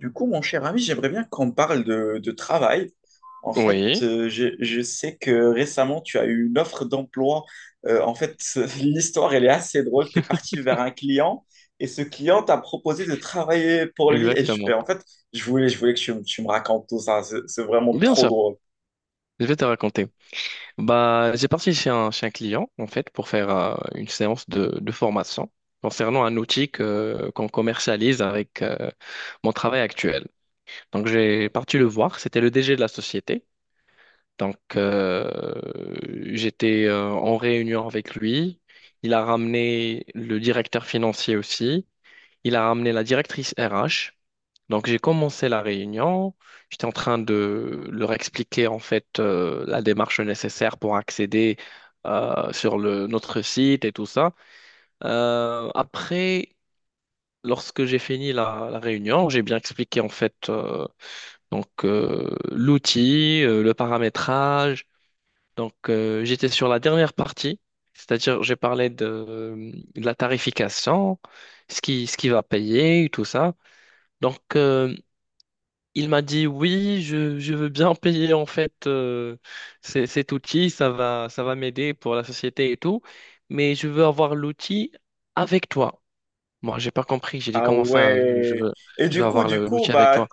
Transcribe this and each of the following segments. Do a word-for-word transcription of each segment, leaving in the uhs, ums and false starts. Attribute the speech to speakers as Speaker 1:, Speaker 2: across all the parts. Speaker 1: Du coup, mon cher ami, j'aimerais bien qu'on parle de, de travail. En fait,
Speaker 2: Oui,
Speaker 1: euh, je, je sais que récemment, tu as eu une offre d'emploi. Euh, en fait, l'histoire, elle est assez drôle. Tu es parti vers un client et ce client t'a proposé de travailler pour lui. Et, je- et
Speaker 2: exactement.
Speaker 1: en fait, je voulais, je voulais que tu, me tu me racontes tout ça. C'est c'est vraiment
Speaker 2: Bien
Speaker 1: trop
Speaker 2: sûr,
Speaker 1: drôle.
Speaker 2: je vais te raconter. Bah, j'ai parti chez un, chez un client, en fait, pour faire euh, une séance de, de formation concernant un outil que- qu'on commercialise avec euh, mon travail actuel. Donc, j'ai parti le voir. C'était le D G de la société. Donc, euh, j'étais euh, en réunion avec lui. Il a ramené le directeur financier aussi. Il a ramené la directrice R H. Donc j'ai commencé la réunion, j'étais en train de leur expliquer en fait euh, la démarche nécessaire pour accéder euh, sur le, notre site et tout ça. Euh, après, lorsque j'ai fini la, la réunion, j'ai bien expliqué en fait euh, donc euh, l'outil, euh, le paramétrage. Donc euh, j'étais sur la dernière partie, c'est-à-dire j'ai parlé de, de la tarification, ce qui, ce qui va payer, tout ça. Donc, euh, Il m'a dit oui, je, je veux bien payer en fait euh, c- cet outil, ça va, ça va m'aider pour la société et tout, mais je veux avoir l'outil avec toi. Moi, j'ai pas compris, j'ai dit
Speaker 1: Ah
Speaker 2: comment ça, je, je
Speaker 1: ouais.
Speaker 2: veux,
Speaker 1: Et
Speaker 2: je veux
Speaker 1: du coup,
Speaker 2: avoir
Speaker 1: du
Speaker 2: le-
Speaker 1: coup,
Speaker 2: l'outil avec
Speaker 1: bah,
Speaker 2: toi.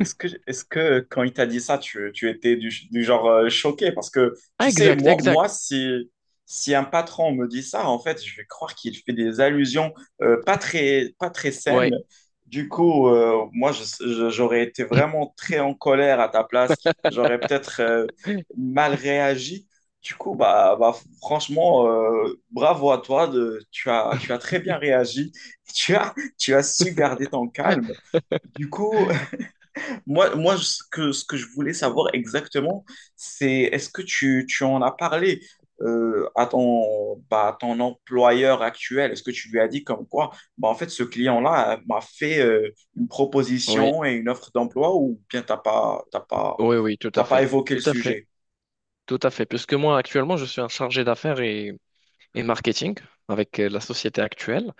Speaker 1: Est-ce que, est-ce que quand il t'a dit ça, tu, tu étais du, du genre euh, choqué? Parce que,
Speaker 2: Ah,
Speaker 1: tu sais,
Speaker 2: exact,
Speaker 1: moi,
Speaker 2: exact,
Speaker 1: moi si, si un patron me dit ça, en fait, je vais croire qu'il fait des allusions euh, pas très, pas très saines.
Speaker 2: ouais,
Speaker 1: Du coup, euh, moi, je- je- j'aurais été vraiment très en colère à ta place. J'aurais peut-être euh, mal réagi. Du coup, bah, bah, franchement, euh, bravo à toi. De- tu as, tu as très bien réagi. Tu as, tu as su garder ton calme. Du coup, moi, moi, ce que, ce que je voulais savoir exactement, c'est est-ce que tu, tu en as parlé euh, à ton, bah, à ton employeur actuel? Est-ce que tu lui as dit comme quoi, bah, en fait, ce client-là euh, m'a fait euh, une
Speaker 2: oui, oui,
Speaker 1: proposition et une offre d'emploi ou bien t'as pas, t'as pas,
Speaker 2: oui, tout à
Speaker 1: t'as pas
Speaker 2: fait,
Speaker 1: évoqué le
Speaker 2: tout à fait,
Speaker 1: sujet?
Speaker 2: tout à fait, puisque moi actuellement je suis un chargé d'affaires et, et marketing avec euh, la société actuelle.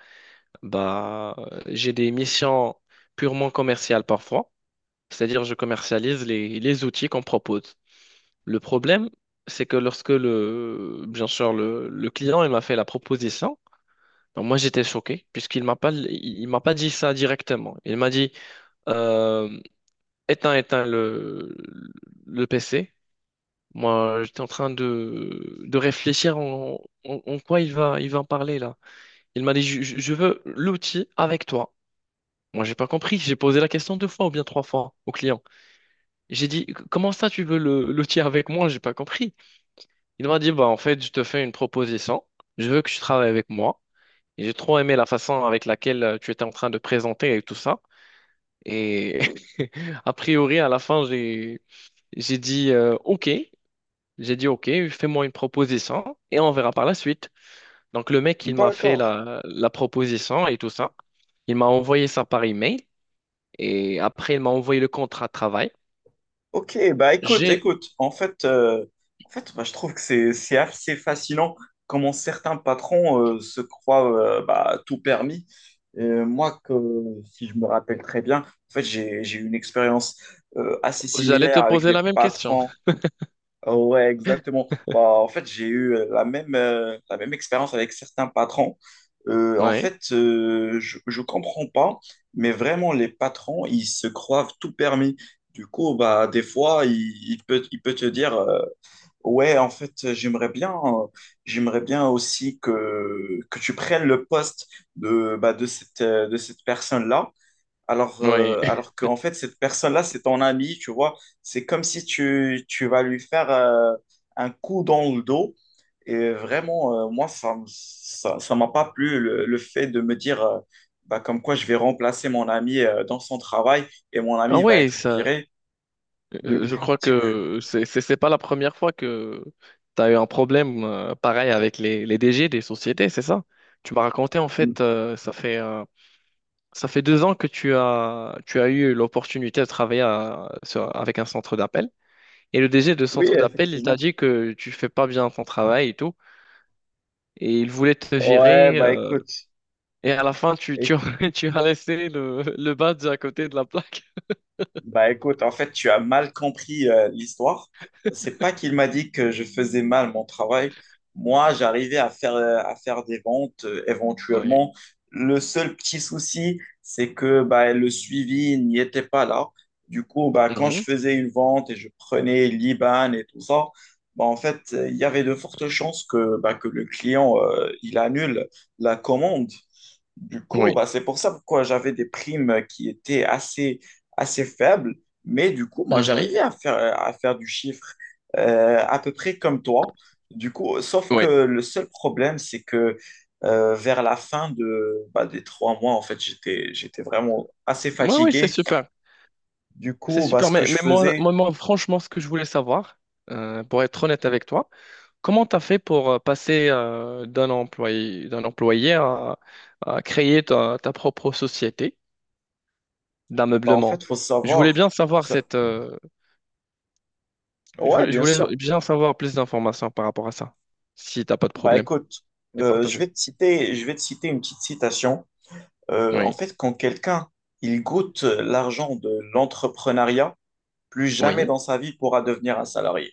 Speaker 2: Bah, euh, j'ai des missions purement commerciales parfois, c'est-à-dire je commercialise les, les outils qu'on propose. Le problème, c'est que lorsque le, bien sûr, le, le client il m'a fait la proposition, ben moi j'étais choqué puisqu'il m'a pas, il, il m'a pas dit ça directement. Il m'a dit euh, éteins, éteins le, le P C. Moi, j'étais en train de, de réfléchir en, en- en quoi il va, il va en parler là. Il m'a dit je je- je veux l'outil avec toi. Moi, j'ai pas compris. J'ai posé la question deux fois ou bien trois fois au client. J'ai dit, comment ça tu veux le l'outil avec moi? J'ai pas compris. Il m'a dit, bah en fait, je te fais une proposition. Je veux que tu travailles avec moi. Et j'ai trop aimé la façon avec laquelle euh, tu étais en train de présenter et tout ça. Et a priori, à la fin, j'ai j'ai dit, euh, ok. J'ai dit, ok, fais-moi une proposition et on verra par la suite. Donc le mec, il m'a fait
Speaker 1: D'accord.
Speaker 2: la, la proposition et tout ça. Il m'a envoyé ça par email et après, il m'a envoyé le contrat de travail.
Speaker 1: Ok, bah écoute,
Speaker 2: J'ai,
Speaker 1: écoute, en fait, euh, en fait bah, je trouve que c'est c'est assez fascinant comment certains patrons euh, se croient euh, bah, tout permis. Et moi, que, Si je me rappelle très bien, en fait, j'ai j'ai eu une expérience euh, assez
Speaker 2: j'allais te
Speaker 1: similaire avec
Speaker 2: poser la
Speaker 1: des
Speaker 2: même question.
Speaker 1: patrons. Ouais, exactement. Bah, en fait, j'ai eu euh, la même, euh, la même expérience avec certains patrons. Euh, en
Speaker 2: Oui,
Speaker 1: fait, euh, je ne comprends pas, mais vraiment, les patrons, ils se croient tout permis. Du coup, bah, des fois, il, il peut, il peut te dire, euh, ouais, en fait, j'aimerais bien, euh, j'aimerais bien aussi que, que tu prennes le poste de, bah, de cette, euh, de cette personne-là. Alors,
Speaker 2: oui.
Speaker 1: euh, alors qu'en fait, cette personne-là, c'est ton ami, tu vois. C'est comme si tu, tu vas lui faire euh, un coup dans le dos. Et vraiment, euh, moi, ça m- ça, ça m'a pas plu le, le fait de me dire euh, bah, comme quoi je vais remplacer mon ami euh, dans son travail et mon
Speaker 2: Ah
Speaker 1: ami va
Speaker 2: oui,
Speaker 1: être
Speaker 2: ça,
Speaker 1: viré.
Speaker 2: euh, je crois que c'est, c'est c'est pas la première fois que tu as eu un problème euh, pareil avec les, les D G des sociétés, c'est ça? Tu m'as raconté, en fait, euh, ça fait, euh, ça fait deux ans que tu as, tu as eu l'opportunité de travailler à- sur- avec un centre d'appel. Et le D G de
Speaker 1: Oui,
Speaker 2: centre d'appel, il t'a
Speaker 1: effectivement.
Speaker 2: dit que tu fais pas bien ton travail et tout. Et il voulait te
Speaker 1: Ouais,
Speaker 2: virer.
Speaker 1: bah
Speaker 2: euh,
Speaker 1: écoute,
Speaker 2: et à la fin, tu, tu,
Speaker 1: écoute.
Speaker 2: tu as laissé le, le badge à côté de la plaque.
Speaker 1: Bah écoute, en fait, tu as mal compris euh, l'histoire. C'est pas qu'il m'a dit que je faisais mal mon travail. Moi, j'arrivais à faire, euh, à faire des ventes euh,
Speaker 2: Oui.
Speaker 1: éventuellement. Le seul petit souci, c'est que bah, le suivi n'y était pas là. Du coup, bah, quand je
Speaker 2: Mhm.
Speaker 1: faisais une vente et je prenais l'I B A N et tout ça, bah, en fait, euh, il y avait de fortes chances que, bah, que le client euh, il annule la commande. Du coup,
Speaker 2: Oui.
Speaker 1: bah, c'est pour ça pourquoi j'avais des primes qui étaient assez, assez faibles. Mais du coup, moi,
Speaker 2: Mhm.
Speaker 1: j'arrivais à faire, à faire du chiffre euh, à peu près comme toi. Du coup, sauf que
Speaker 2: Oui.
Speaker 1: le seul problème, c'est que euh, vers la fin de, bah, des trois mois, en fait, j'étais, j'étais vraiment assez
Speaker 2: Moi, oui, c'est
Speaker 1: fatigué.
Speaker 2: super.
Speaker 1: Du
Speaker 2: C'est
Speaker 1: coup, bah,
Speaker 2: super.
Speaker 1: ce que
Speaker 2: Mais,
Speaker 1: je
Speaker 2: mais moi,
Speaker 1: faisais,
Speaker 2: moi, moi, franchement, ce que je voulais savoir, euh, pour être honnête avec toi, comment tu as fait pour euh, passer euh, d'un employé, d'un employé à, à créer ta, ta propre société
Speaker 1: bah, en fait,
Speaker 2: d'ameublement?
Speaker 1: faut
Speaker 2: Je voulais
Speaker 1: savoir.
Speaker 2: bien savoir
Speaker 1: Ça-
Speaker 2: cette, euh, je
Speaker 1: Ouais,
Speaker 2: voulais, je
Speaker 1: bien sûr.
Speaker 2: voulais bien savoir plus d'informations par rapport à ça, si t'as pas de
Speaker 1: Bah,
Speaker 2: problème
Speaker 1: écoute,
Speaker 2: de
Speaker 1: euh, je
Speaker 2: partager.
Speaker 1: vais te citer, je vais te citer une petite citation. Euh, en
Speaker 2: Oui,
Speaker 1: fait, quand quelqu'un, il goûte l'argent de l'entrepreneuriat, plus jamais
Speaker 2: oui,
Speaker 1: dans sa vie pourra devenir un salarié.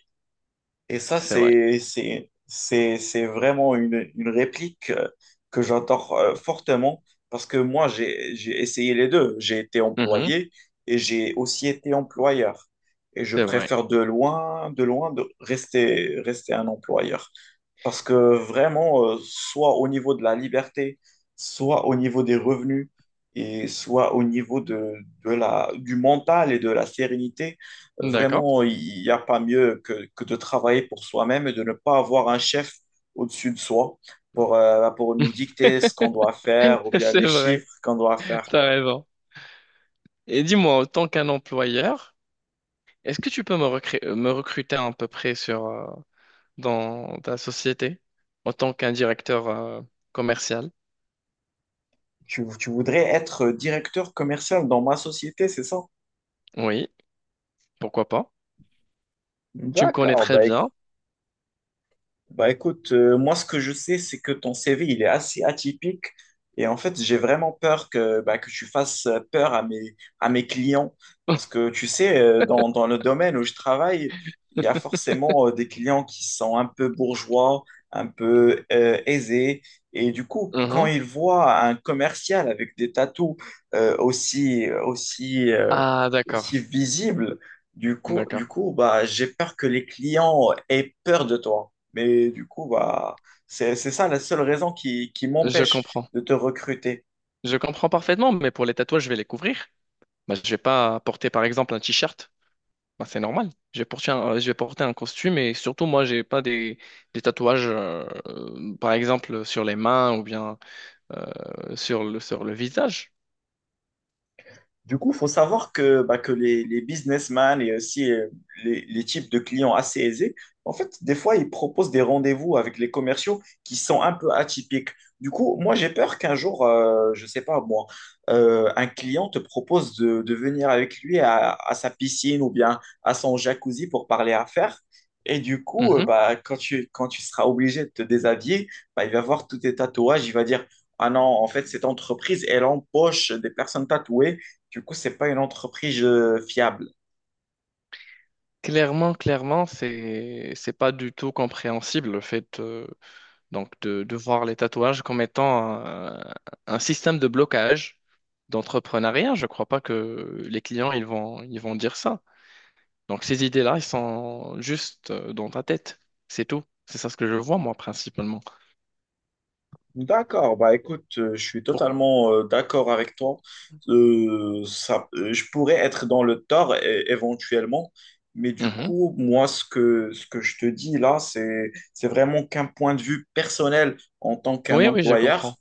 Speaker 1: Et ça,
Speaker 2: c'est vrai.
Speaker 1: c'est, c'est, c'est, c'est vraiment une, une réplique euh, que j'entends euh, fortement parce que moi, j'ai, j'ai essayé les deux. J'ai été
Speaker 2: Mhm.
Speaker 1: employé et j'ai aussi été employeur. Et je
Speaker 2: C'est vrai.
Speaker 1: préfère de loin, de loin de rester, rester un employeur. Parce que vraiment, euh, soit au niveau de la liberté, soit au niveau des revenus, et soit au niveau de, de la, du mental et de la sérénité,
Speaker 2: D'accord.
Speaker 1: vraiment, il n'y a pas mieux que, que de travailler pour soi-même et de ne pas avoir un chef au-dessus de soi pour, euh, pour nous dicter ce qu'on doit faire ou bien
Speaker 2: C'est
Speaker 1: les
Speaker 2: vrai.
Speaker 1: chiffres qu'on doit faire.
Speaker 2: T'as raison. Et dis-moi, en tant qu'un employeur, est-ce que tu peux me recré- euh, me recruter à peu près sur, euh, dans ta société en tant qu'un directeur euh, commercial?
Speaker 1: Tu, tu voudrais être directeur commercial dans ma société, c'est ça?
Speaker 2: Oui, pourquoi pas? Tu me connais
Speaker 1: D'accord,
Speaker 2: très
Speaker 1: bah
Speaker 2: bien.
Speaker 1: bah écoute, euh, moi ce que je sais, c'est que ton C V, il est assez atypique et en fait, j'ai vraiment peur que, bah, que tu fasses peur à mes, à mes clients parce que tu sais, euh, dans, dans le domaine où je travaille, il y a forcément euh, des clients qui sont un peu bourgeois, un peu euh, aisés et du coup, quand
Speaker 2: Mhm.
Speaker 1: ils voient un commercial avec des tatous euh, aussi, aussi, euh,
Speaker 2: Ah, d'accord,
Speaker 1: aussi visibles, du coup, du
Speaker 2: d'accord.
Speaker 1: coup, bah, j'ai peur que les clients aient peur de toi. Mais du coup, bah, c'est, c'est ça la seule raison qui, qui
Speaker 2: Je
Speaker 1: m'empêche
Speaker 2: comprends.
Speaker 1: de te recruter.
Speaker 2: Je comprends parfaitement, mais pour les tatouages, je vais les couvrir. Bah, je vais pas porter, par exemple, un t-shirt. Bah, c'est normal. Je vais porter un, euh, je vais porter un costume et surtout, moi, j'ai pas des, des tatouages, euh, euh, par exemple, sur les mains ou bien euh, sur le, sur le visage.
Speaker 1: Du coup, faut savoir que, bah, que les, les businessmen et aussi euh, les, les types de clients assez aisés, en fait, des fois, ils proposent des rendez-vous avec les commerciaux qui sont un peu atypiques. Du coup, moi, j'ai peur qu'un jour, euh, je sais pas moi, euh, un client te propose de, de venir avec lui à, à sa piscine ou bien à son jacuzzi pour parler affaires. Et du coup, euh,
Speaker 2: Mhm.
Speaker 1: bah, quand tu, quand tu seras obligé de te déshabiller, bah, il va voir tous tes tatouages, il va dire, ah non, en fait, cette entreprise, elle empoche des personnes tatouées du coup, c'est pas une entreprise euh, fiable.
Speaker 2: Clairement, clairement, c'est c'est pas du tout compréhensible le fait euh, donc de, de voir les tatouages comme étant un, un système de blocage d'entrepreneuriat. Je crois pas que les clients ils vont ils vont dire ça. Donc ces idées-là, elles sont juste euh, dans ta tête. C'est tout. C'est ça ce que je vois, moi, principalement.
Speaker 1: D'accord, bah écoute, euh, je suis
Speaker 2: Pour-
Speaker 1: totalement euh, d'accord avec toi. Euh, ça, euh, je pourrais être dans le tort é- éventuellement, mais du
Speaker 2: Mhm.
Speaker 1: coup, moi, ce que, ce que je te dis là, c'est, c'est vraiment qu'un point de vue personnel en tant qu'un
Speaker 2: Oui, oui, je
Speaker 1: employeur.
Speaker 2: comprends.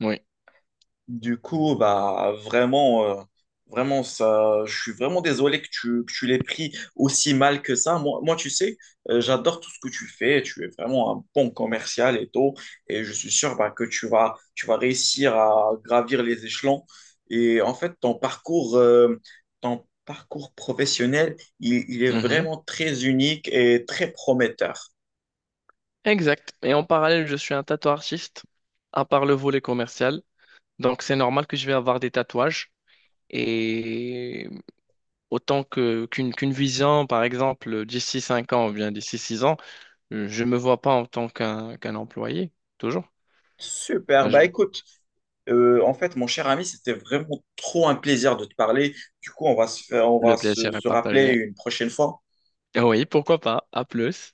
Speaker 2: Oui.
Speaker 1: Du coup, bah vraiment, euh, vraiment ça, je suis vraiment désolé que tu, que tu l'aies pris aussi mal que ça. Moi, moi tu sais, euh, j'adore tout ce que tu fais. Tu es vraiment un bon commercial et tout, et je suis sûr bah, que tu vas, tu vas réussir à gravir les échelons. Et en fait, ton parcours, euh, ton parcours professionnel, il, il est
Speaker 2: Mhm.
Speaker 1: vraiment très unique et très prometteur.
Speaker 2: Exact. Et en parallèle, je suis un tatoueur artiste, à part le volet commercial. Donc c'est normal que je vais avoir des tatouages. Et autant que qu'une qu'une vision, par exemple, d'ici cinq ans ou bien d'ici six ans, euh, je ne me vois pas en tant qu'un qu'un employé. Toujours.
Speaker 1: Super.
Speaker 2: Bah,
Speaker 1: Bah
Speaker 2: je-
Speaker 1: écoute. Euh, en fait, mon cher ami, c'était vraiment trop un plaisir de te parler. Du coup, on va se faire, on
Speaker 2: Le
Speaker 1: va se
Speaker 2: plaisir est
Speaker 1: se rappeler
Speaker 2: partagé.
Speaker 1: une prochaine fois.
Speaker 2: Oui, pourquoi pas. À plus.